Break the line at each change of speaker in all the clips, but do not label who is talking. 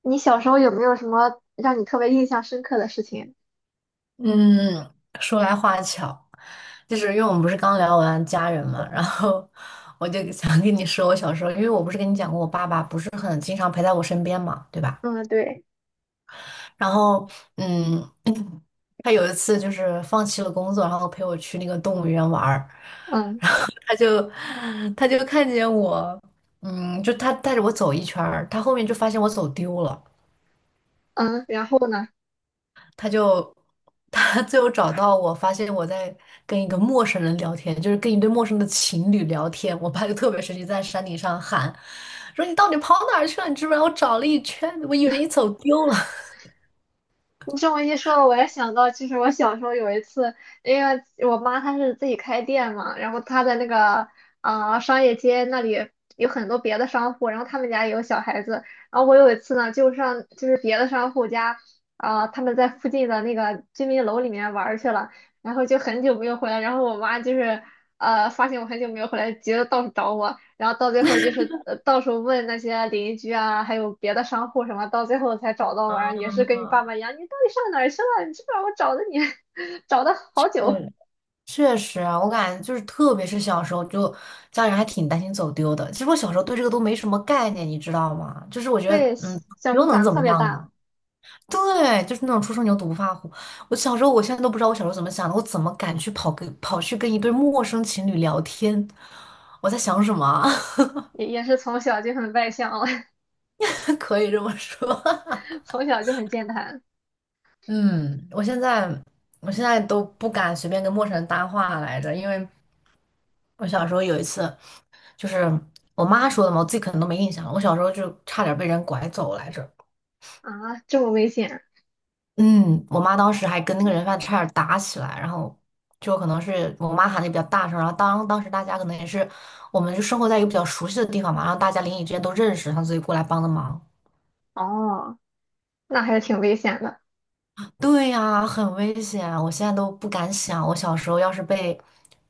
你小时候有没有什么让你特别印象深刻的事情？
嗯，说来话巧，就是因为我们不是刚聊完家人嘛，然后我就想跟你说，我小时候，因为我不是跟你讲过，我爸爸不是很经常陪在我身边嘛，对吧？
嗯，对。
然后，嗯，他有一次就是放弃了工作，然后陪我去那个动物园玩儿。
嗯
他就他就看见我，嗯，就他带着我走一圈儿，他后面就发现我走丢了。
嗯，然后呢？
他就他最后找到我，发现我在跟一个陌生人聊天，就是跟一对陌生的情侣聊天。我爸就特别生气，在山顶上喊说：“你到底跑哪儿去了？你知不知道？我找了一圈，我以为你走丢了。
你这么一说，我也想到，其实我小时候有一次，因为我妈她是自己开店嘛，然后她在那个商业街那里有很多别的商户，然后他们家也有小孩子，然后我有一次呢，就是别的商户家，他们在附近的那个居民楼里面玩儿去了，然后就很久没有回来，然后我妈就是发现我很久没有回来，急得到处找我。然后到最后就是到处问那些邻居啊，还有别的商户什么，到最后才找到完，也是跟你爸爸一 样，你到底上哪儿去了？你知不知道我找的你，找的好久。
嗯，确实啊，我感觉就是，特别是小时候，就家人还挺担心走丢的。其实我小时候对这个都没什么概念，你知道吗？就是我觉得，
对，
嗯，
小时
又
候胆
能
子
怎么
特别
样
大。
呢？对，就是那种初生牛犊不怕虎。我小时候，我现在都不知道我小时候怎么想的，我怎么敢去跑去跟一对陌生情侣聊天？我在想什么啊？
也是从小就很外向了。
可以这么说。
从小就很健谈。
嗯，我现在都不敢随便跟陌生人搭话来着。因为我小时候有一次，就是我妈说的嘛，我自己可能都没印象了。我小时候就差点被人拐走来着。
啊，这么危险。
嗯，我妈当时还跟那个人贩子差点打起来，然后就可能是我妈喊的比较大声，然后当时大家可能也是我们就生活在一个比较熟悉的地方嘛，然后大家邻里之间都认识，然后所以过来帮的忙。
哦，那还是挺危险的。
对呀，很危险，我现在都不敢想，我小时候要是被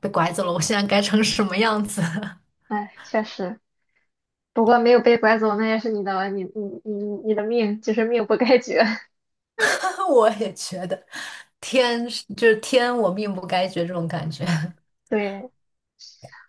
被拐走了，我现在该成什么样子？
哎，确实，不过没有被拐走，那也是你的，你你的命，就是命不该绝。
我也觉得就是天，我命不该绝这种感觉。
对。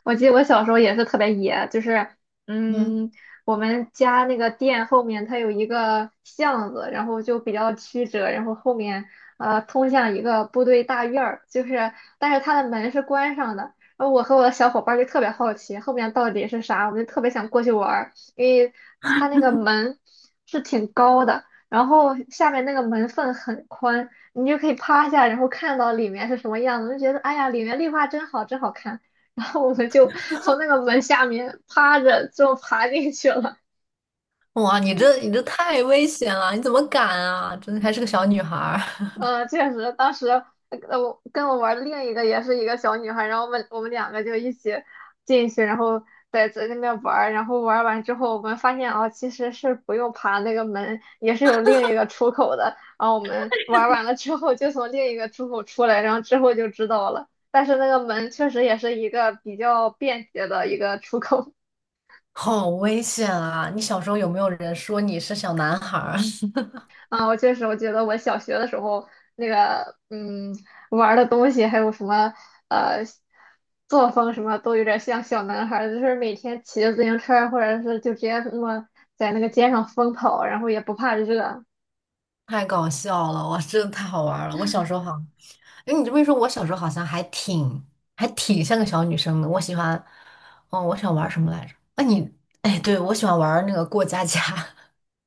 我记得我小时候也是特别野，就是
嗯。
嗯，我们家那个店后面它有一个巷子，然后就比较曲折，然后后面通向一个部队大院儿，就是但是它的门是关上的。然后我和我的小伙伴儿就特别好奇后面到底是啥，我们就特别想过去玩儿，因为它那个门是挺高的，然后下面那个门缝很宽，你就可以趴下，然后看到里面是什么样子，就觉得哎呀，里面绿化真好，真好看。然后我们就从那个门下面趴着就爬进去了。
哇，你这太危险了，你怎么敢啊？真的还是个小女孩儿。
嗯，确实，当时我跟我玩的另一个也是一个小女孩，然后我们两个就一起进去，然后在那边玩儿然后玩完之后，我们发现哦，其实是不用爬那个门，也是有另一个出口的。然后我们玩完了之后，就从另一个出口出来，然后之后就知道了。但是那个门确实也是一个比较便捷的一个出口。
好危险啊！你小时候有没有人说你是小男孩儿？
啊，我确实，我觉得我小学的时候那个，嗯，玩儿的东西还有什么，呃，作风什么都有点像小男孩儿，就是每天骑着自行车儿或者是就直接那么在那个街上疯跑，然后也不怕热
太搞笑了，哇，真的太好玩儿了。我小时候好，哎，你这么一说，我小时候好像还挺像个小女生的。我喜欢，哦，我喜欢玩儿什么来着？那你，哎，对，我喜欢玩儿那个过家家。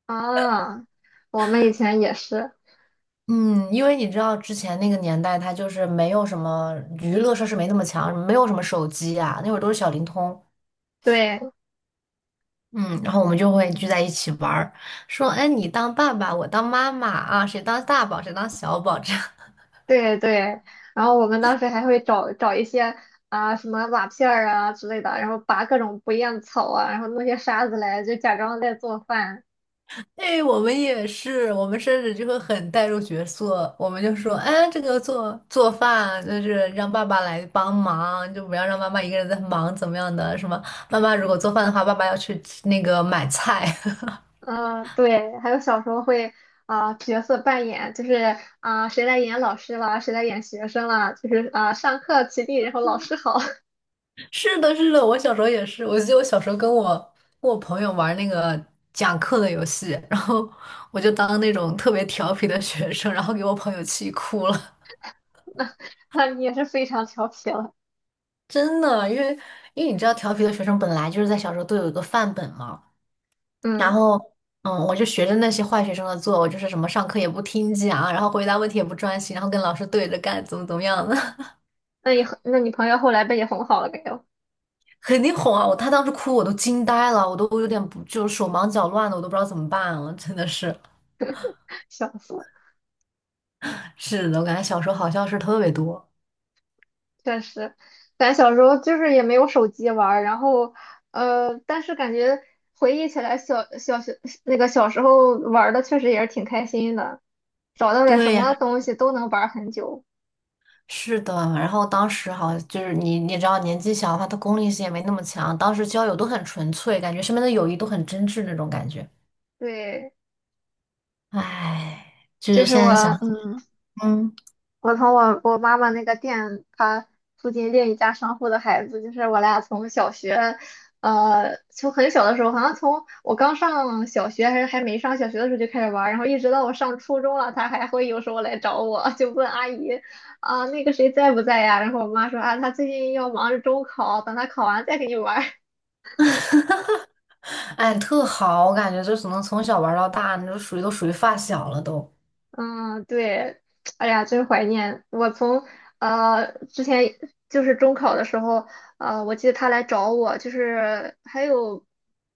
啊。我们以前也是。
嗯，因为你知道之前那个年代，它就是没有什么娱乐设施，没那么强，没有什么手机啊，那会儿都是小灵通。
对
嗯，然后我们就会聚在一起玩儿，说，哎，你当爸爸，我当妈妈啊，谁当大宝，谁当小宝，这样。
对对，然后我们当时还会找一些什么瓦片儿啊之类的，然后拔各种不厌草啊，然后弄些沙子来，就假装在做饭。
哎，我们也是，我们甚至就会很带入角色，我们就说，哎，这个做做饭就是让爸爸来帮忙，就不要让妈妈一个人在忙，怎么样的，什么，妈妈如果做饭的话，爸爸要去那个买菜。
嗯，对，还有小时候会角色扮演，就是谁来演老师啦，谁来演学生啦，就是上课起立，然后老师好。
是的，是的，我小时候也是。我记得我小时候跟我朋友玩那个讲课的游戏，然后我就当那种特别调皮的学生，然后给我朋友气哭了。
那你也是非常调皮了。
真的，因为你知道，调皮的学生本来就是在小时候都有一个范本嘛。然
嗯，
后，嗯，我就学着那些坏学生的做，我就是什么上课也不听讲，然后回答问题也不专心，然后跟老师对着干，怎么怎么样的。
那你很那你朋友后来被你哄好了没有？
肯定哄啊！他当时哭，我都惊呆了，我都有点不就手忙脚乱的，我都不知道怎么办了，真的是。
笑死了。
是的，我感觉小时候好像是特别多。
确实，咱小时候就是也没有手机玩儿，然后但是感觉回忆起来小学那个小时候玩儿的确实也是挺开心的，找到点什
对呀，
么东西都能玩儿很久。
是的。然后当时好就是你，你也知道年纪小的话，他功利性也没那么强。当时交友都很纯粹，感觉身边的友谊都很真挚那种感觉。
对，
唉，就
就
是
是
现
我
在想，
嗯。
嗯。
我从我我妈妈那个店，她附近另一家商户的孩子，就是我俩从小学，从很小的时候，好像从我刚上小学还是还没上小学的时候就开始玩儿，然后一直到我上初中了，她还会有时候来找我，就问阿姨啊，那个谁在不在呀？然后我妈说啊，她最近要忙着中考，等她考完再跟你玩儿。
哎，特好，我感觉就只能从小玩到大，那就属于都属于发小了都。
嗯，对，哎呀，真怀念！我从之前就是中考的时候，我记得他来找我，就是还有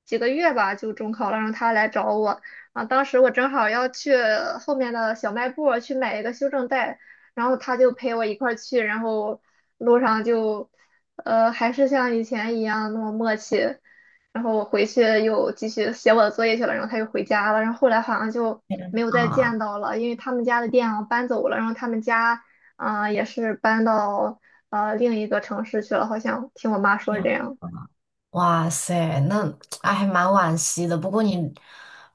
几个月吧，就中考了，让他来找我啊。当时我正好要去后面的小卖部儿去买一个修正带，然后他就陪我一块儿去，然后路上就还是像以前一样那么默契。然后我回去又继续写我的作业去了，然后他又回家了，然后后来好像就没有再
啊，
见到了，因为他们家的店啊搬走了，然后他们家也是搬到另一个城市去了，好像听我妈说
天
是这
啊，
样。
哇塞，那哎还蛮惋惜的。不过你，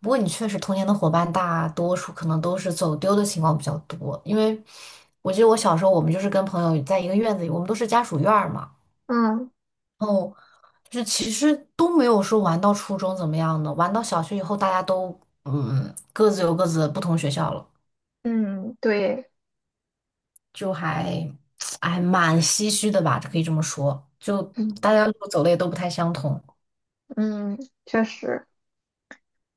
不过你确实童年的伙伴大多数可能都是走丢的情况比较多，因为我记得我小时候我们就是跟朋友在一个院子里，我们都是家属院儿嘛，
嗯
然后就是其实都没有说玩到初中怎么样的，玩到小学以后大家都各自有各自的不同学校了，
嗯，对。
就还 哎蛮唏嘘的吧，可以这么说，就
嗯
大家路走的也都不太相同。
嗯，确实。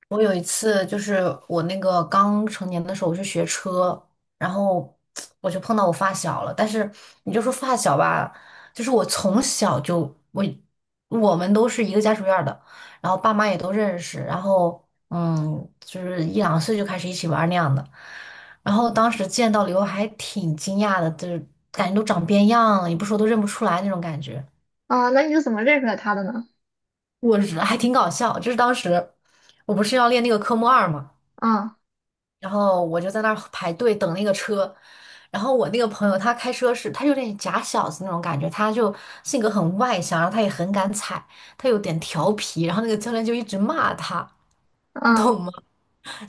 我有一次就是我那个刚成年的时候，我去学车，然后我就碰到我发小了。但是你就说发小吧，就是我从小就我们都是一个家属院儿的，然后爸妈也都认识，然后就是一两岁就开始一起玩儿那样的。然后当时见到了以后还挺惊讶的，就是感觉都长变样了，也不说都认不出来那种感觉。
那你是怎么认出来他的呢？
我日，还挺搞笑，就是当时我不是要练那个科目二嘛。
啊。
然后我就在那儿排队等那个车，然后我那个朋友他开车是，他有点假小子那种感觉，他就性格很外向，然后他也很敢踩，他有点调皮，然后那个教练就一直骂他，你
啊，
懂吗？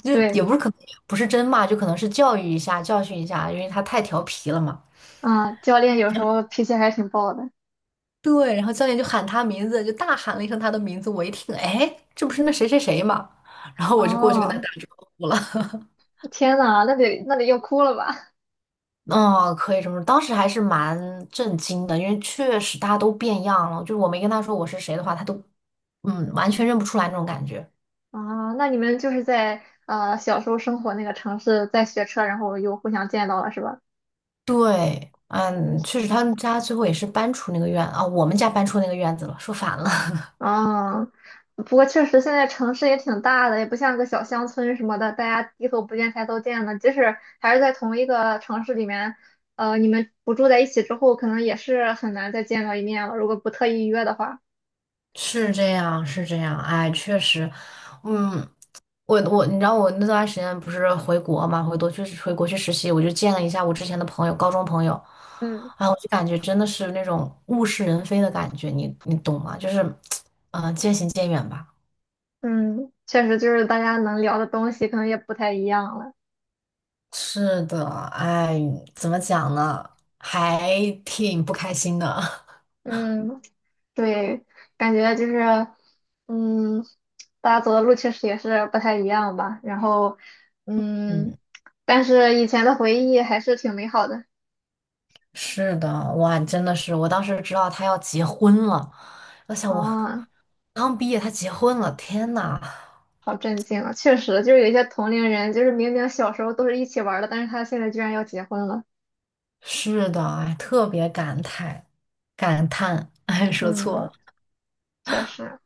就
对。
也不是可能不是真骂，就可能是教育一下，教训一下，因为他太调皮了嘛。
啊教练有时候脾气还挺暴的。
对，然后教练就喊他名字，就大喊了一声他的名字，我一听，哎，这不是那谁谁谁嘛。然后我就过去跟他打
哦，
招呼了。
天呐，那得那得要哭了吧？
嗯，可以这么说。当时还是蛮震惊的，因为确实大家都变样了。就是我没跟他说我是谁的话，他都完全认不出来那种感觉。
啊，那你们就是在小时候生活那个城市，在学车，然后又互相见到了，是吧？
对，嗯，确实他们家最后也是搬出那个院啊，我们家搬出那个院子了，说反了。
啊，不过确实现在城市也挺大的，也不像个小乡村什么的，大家低头不见抬头见的。即使还是在同一个城市里面，你们不住在一起之后，可能也是很难再见到一面了，如果不特意约的话。
是这样，是这样，哎，确实，嗯，我你知道我那段时间不是回国嘛，回国去实习，我就见了一下我之前的朋友，高中朋友，
嗯
啊，我就感觉真的是那种物是人非的感觉，你懂吗？就是，嗯，渐行渐远吧。
嗯，确实就是大家能聊的东西可能也不太一样了。
是的，哎，怎么讲呢？还挺不开心的。
嗯。对，感觉就是，嗯，大家走的路确实也是不太一样吧。然后，嗯，
嗯，
但是以前的回忆还是挺美好的。
是的，哇，真的是，我当时知道他要结婚了，我想我
啊，
刚毕业他结婚了，天呐！
好震惊啊！确实，就是有一些同龄人，就是明明小时候都是一起玩儿的，但是他现在居然要结婚了。
是的，哎，特别感慨，感叹，哎，说错了。
嗯，确实。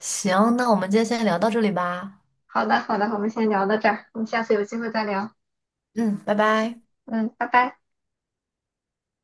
行，那我们今天先聊到这里吧。
好的，好的，我们先聊到这儿，我们下次有机会再聊。
嗯，拜拜。
嗯，拜拜。